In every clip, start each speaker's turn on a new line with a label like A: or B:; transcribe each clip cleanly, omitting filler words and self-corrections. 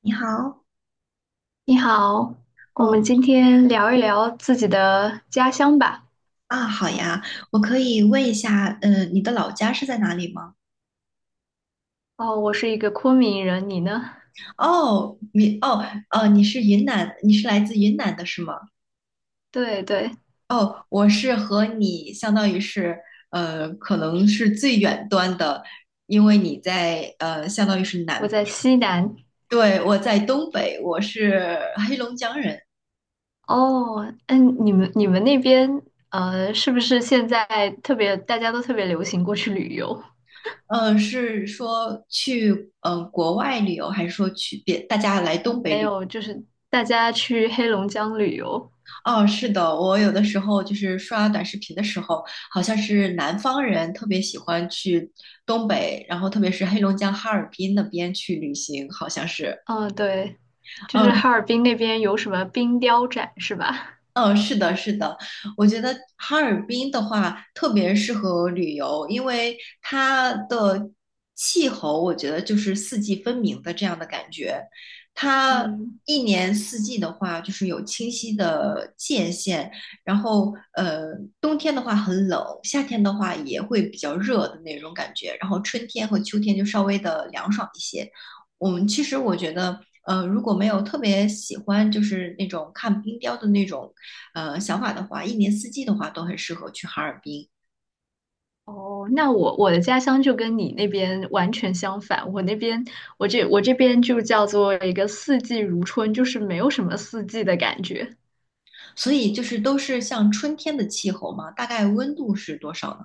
A: 你好。
B: 你好，我
A: 哦
B: 们今天聊一聊自己的家乡吧。
A: 啊，好呀。我可以问一下，你的老家是在哪里吗？
B: 哦，我是一个昆明人，你呢？
A: 哦，你哦哦，你是云南，你是来自云南的是吗？
B: 对对，
A: 哦，我是和你相当于是，可能是最远端的。因为你在相当于是
B: 我
A: 南。
B: 在西南。
A: 对，我在东北，我是黑龙江人。
B: 哦，嗯，你们那边是不是现在特别大家都特别流行过去旅游？
A: 是说去国外旅游，还是说去别大家来东北
B: 还
A: 旅？
B: 有就是大家去黑龙江旅游。
A: 哦，是的。我有的时候就是刷短视频的时候，好像是南方人特别喜欢去东北，然后特别是黑龙江哈尔滨那边去旅行，好像是。
B: 嗯，对，就是
A: 嗯，
B: 哈尔滨那边有什么冰雕展是吧？
A: 嗯，是的，是的。我觉得哈尔滨的话特别适合旅游，因为它的气候，我觉得就是四季分明的这样的感觉。它
B: 嗯。
A: 一年四季的话，就是有清晰的界限。然后，冬天的话很冷，夏天的话也会比较热的那种感觉。然后春天和秋天就稍微的凉爽一些。我们其实我觉得，如果没有特别喜欢就是那种看冰雕的那种想法的话，一年四季的话都很适合去哈尔滨。
B: 哦，那我的家乡就跟你那边完全相反。我那边，我这边就叫做一个四季如春，就是没有什么四季的感觉。
A: 所以就是都是像春天的气候嘛，大概温度是多少呢？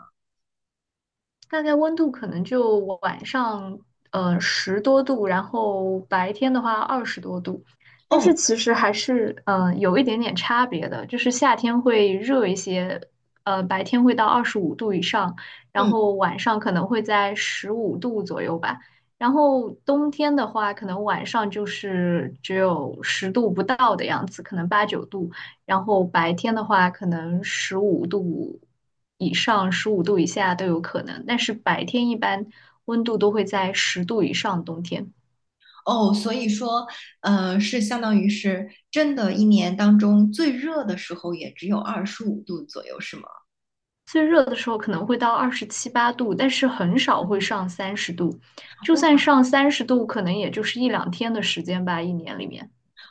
B: 大概温度可能就晚上十多度，然后白天的话20多度，但是
A: 哦，
B: 其实还是有一点点差别的，就是夏天会热一些，白天会到二十五度以上，然
A: 嗯。
B: 后晚上可能会在十五度左右吧，然后冬天的话，可能晚上就是只有十度不到的样子，可能八九度。然后白天的话，可能十五度以上、十五度以下都有可能，但是白天一般温度都会在十度以上，冬天。
A: 哦，所以说，是相当于是真的，一年当中最热的时候也只有25度左右，是吗？
B: 最热的时候可能会到二十七八度，但是很少会上三十度。就算上三十度，可能也就是一两天的时间吧，一年里面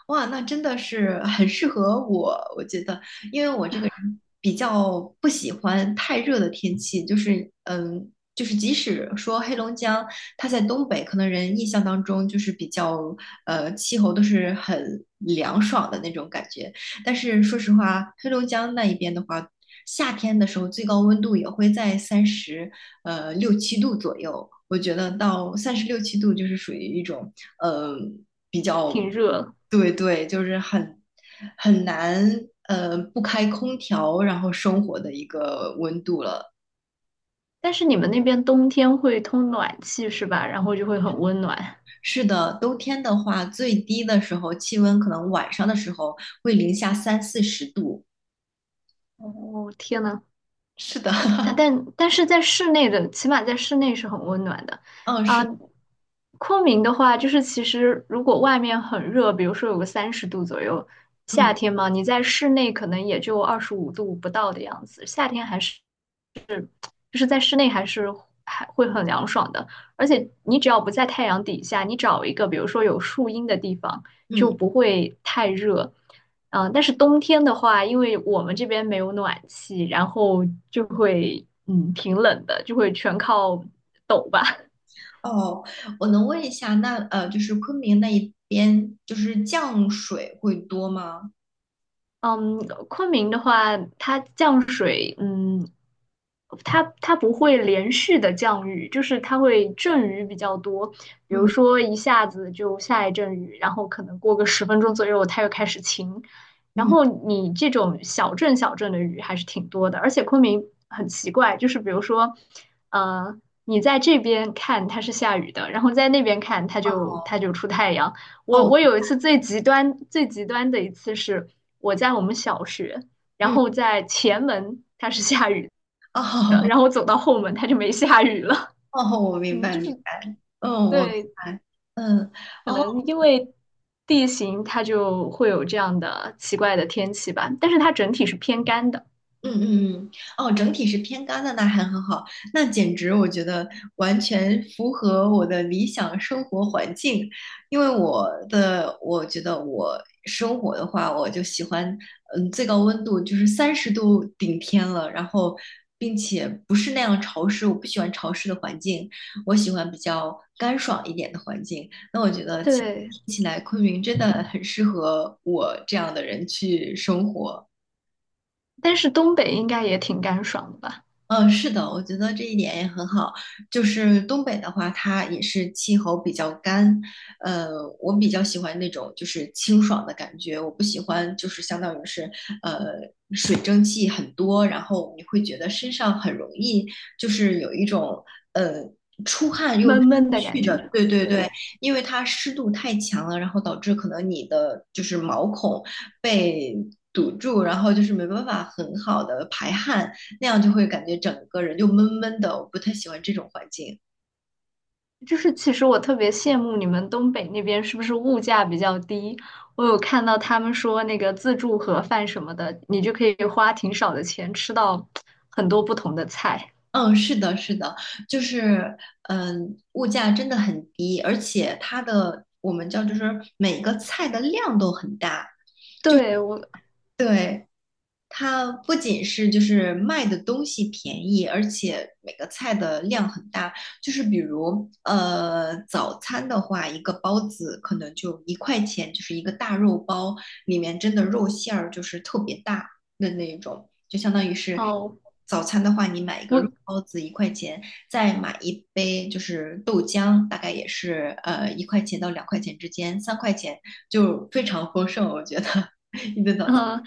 A: 哇，那真的是 很适合我，我觉得。因为我这个人比较不喜欢太热的天气，就是就是即使说黑龙江它在东北，可能人印象当中就是比较气候都是很凉爽的那种感觉。但是说实话，黑龙江那一边的话，夏天的时候最高温度也会在三十六七度左右。我觉得到三十六七度就是属于一种。呃。比较，
B: 挺热。
A: 对对，就是很难，不开空调然后生活的一个温度了。
B: 但是你们那边冬天会通暖气是吧？然后就会很温暖。
A: 是的，冬天的话，最低的时候气温可能晚上的时候会零下三四十度。
B: 哦，天呐，
A: 是的，
B: 但是在室内的，起码在室内是很温暖的。
A: 嗯，
B: 啊、
A: 是。
B: 昆明的话，就是其实如果外面很热，比如说有个三十度左右，夏
A: 嗯
B: 天嘛，你在室内可能也就二十五度不到的样子，夏天还是。就是在室内还是还会很凉爽的。而且你只要不在太阳底下，你找一个比如说有树荫的地方，就
A: 嗯。
B: 不会太热。嗯，但是冬天的话，因为我们这边没有暖气，然后就会挺冷的，就会全靠抖吧。
A: 哦，我能问一下，那就是昆明那一边，就是降水会多吗？
B: 嗯，昆明的话，它降水，嗯，它不会连续的降雨，就是它会阵雨比较多，比如
A: 嗯
B: 说一下子就下一阵雨，然后可能过个10分钟左右，它又开始晴，然
A: 嗯，
B: 后你这种小阵小阵的雨还是挺多的，而且昆明很奇怪，就是比如说，呃，你在这边看它是下雨的，然后在那边看它就出太阳。我
A: 哦，
B: 我有一次最极端最极端的一次是我在我们小学，然
A: 嗯，
B: 后在前门它是下雨的，
A: 哦，
B: 然后我 走到后门它就没下雨了。
A: 哦，我 明
B: 嗯，
A: 白
B: 就是
A: 明白，嗯，我明
B: 对，
A: 白。嗯。
B: 可
A: 哦，
B: 能因为地形它就会有这样的奇怪的天气吧，但是它整体是偏干的。
A: 嗯嗯嗯。哦，整体是偏干的，那还很好。那简直我觉得完全符合我的理想生活环境。因为我觉得我生活的话，我就喜欢，嗯，最高温度就是30度顶天了，然后并且不是那样潮湿，我不喜欢潮湿的环境，我喜欢比较干爽一点的环境。那我觉得听
B: 对，
A: 起来昆明真的很适合我这样的人去生活。
B: 但是东北应该也挺干爽的吧，
A: 嗯，是的，我觉得这一点也很好。就是东北的话，它也是气候比较干。呃，我比较喜欢那种就是清爽的感觉，我不喜欢就是相当于是呃水蒸气很多，然后你会觉得身上很容易就是有一种呃出汗又出
B: 闷
A: 不
B: 闷的感
A: 去
B: 觉。
A: 的，对对对。
B: 对。
A: 因为它湿度太强了，然后导致可能你的就是毛孔被堵住，然后就是没办法很好的排汗。那样就会感觉整个人就闷闷的，我不太喜欢这种环境。
B: 就是其实我特别羡慕你们东北那边是不是物价比较低？我有看到他们说那个自助盒饭什么的，你就可以花挺少的钱吃到很多不同的菜。
A: 嗯，是的，是的。就是物价真的很低，而且它的我们叫就是每个菜的量都很大。
B: 对，
A: 对。它不仅是就是卖的东西便宜，而且每个菜的量很大。就是比如，早餐的话，一个包子可能就一块钱，就是一个大肉包，里面真的肉馅儿就是特别大的那一种，就相当于是
B: 哦，
A: 早餐的话，你买一个肉
B: 我，
A: 包子一块钱，再买一杯就是豆浆，大概也是一块钱到2块钱之间，3块钱就非常丰盛，我觉得 一顿早餐。
B: 嗯、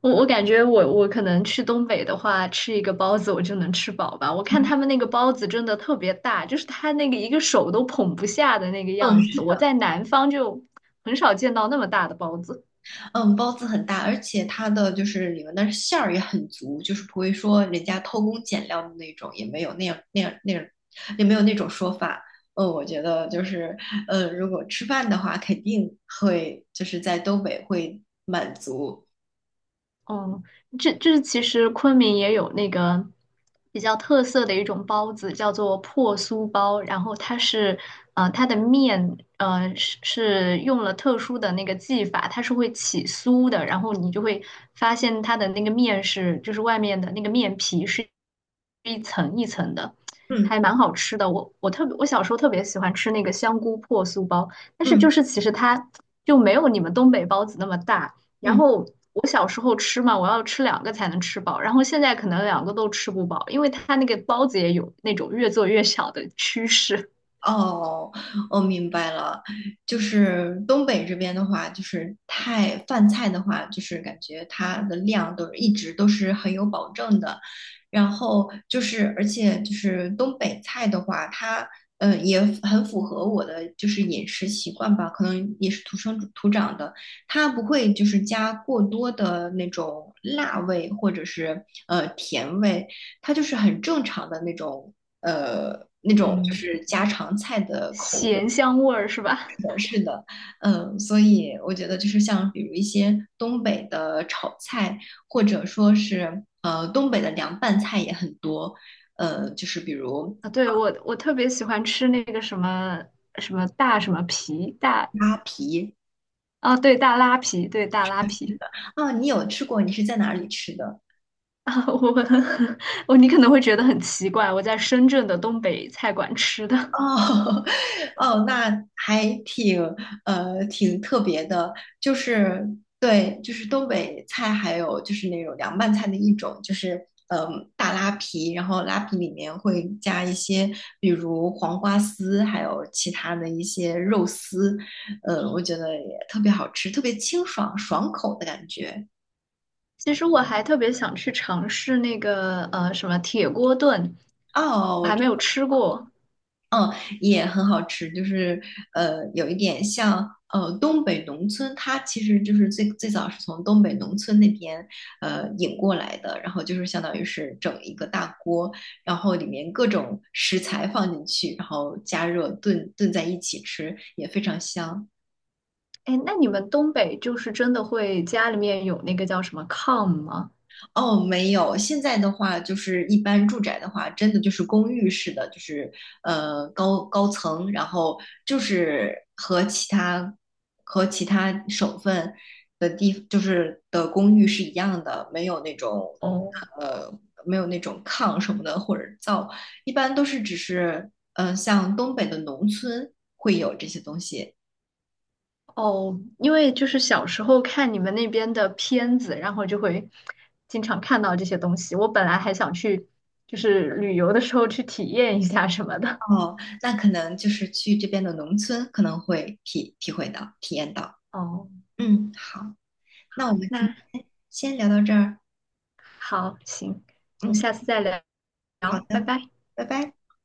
B: 我感觉我可能去东北的话，吃一个包子我就能吃饱吧。我看他们那个包子真的特别大，就是他那个一个手都捧不下的那个
A: 嗯，
B: 样子。我在南方就很少见到那么大的包子。
A: 嗯，包子很大，而且它的就是里面的馅儿也很足，就是不会说人家偷工减料的那种，也没有那样那样那样，也没有那种说法。嗯，我觉得就是，如果吃饭的话，肯定会就是在东北会满。
B: 嗯，这其实昆明也有那个比较特色的一种包子，叫做破酥包。然后它是，它的面，是用了特殊的那个技法，它是会起酥的。然后你就会发现它的那个面是，就是外面的那个面皮是一层一层的，
A: 嗯
B: 还蛮好吃的。我特别，我小时候特别喜欢吃那个香菇破酥包，但是就
A: 嗯
B: 是其实它就没有你们东北包子那么大。然
A: 嗯。
B: 后我小时候吃嘛，我要吃两个才能吃饱，然后现在可能两个都吃不饱，因为它那个包子也有那种越做越小的趋势
A: 哦，我明白了。就是东北这边的话，就是太饭菜的话，就是感觉它的量都是一直都是很有保证的。然后就是，而且就是东北菜的话，它也很符合我的就是饮食习惯吧，可能也是土生土长的。它不会就是加过多的那种辣味或者是甜味，它就是很正常的那种就
B: 嗯，
A: 是家常菜的口味。
B: 咸香味儿是吧？
A: 是的。嗯，所以我觉得就是像比如一些东北的炒菜，或者说是东北的凉拌菜也很多。就是比如
B: 啊，对，我特别喜欢吃那个什么什么大什么皮大
A: 啊
B: 啊，对，大拉皮，对，大拉皮。
A: 啊，你有吃过？你是在哪里吃的？
B: 啊，我你可能会觉得很奇怪，我在深圳的东北菜馆吃的，
A: 哦 哦，那还挺特别的，就是对，就是东北菜，还有就是那种凉拌菜的一种，就是大拉皮，然后拉皮里面会加一些，比如黄瓜丝，还有其他的一些肉丝，我觉得也特别好吃，特别清爽爽口的感觉。
B: 其实我还特别想去尝试那个什么铁锅炖，
A: 哦，
B: 我
A: 我。
B: 还没有吃过。
A: 也很好吃，就是有一点像东北农村，它其实就是最最早是从东北农村那边引过来的，然后就是相当于是整一个大锅，然后里面各种食材放进去，然后加热炖炖在一起吃，也非常香。
B: 哎，那你们东北就是真的会家里面有那个叫什么炕吗？
A: 哦，没有。现在的话，就是一般住宅的话，真的就是公寓式的，就是高层，然后就是和其他省份就是的公寓是一样的，没有那种
B: 哦
A: 呃没有那种炕什么的或者灶，一般都是只是像东北的农村会有这些东西。
B: 哦，因为就是小时候看你们那边的片子，然后就会经常看到这些东西。我本来还想去，就是旅游的时候去体验一下什么的。
A: 哦，那可能就是去这边的农村可能会体验到。
B: 哦，
A: 嗯，好。那我
B: 好，
A: 们今
B: 那
A: 天先聊到这儿。
B: 好，行，我
A: 嗯，
B: 们下次再聊，
A: 好
B: 拜
A: 的，
B: 拜。
A: 拜拜。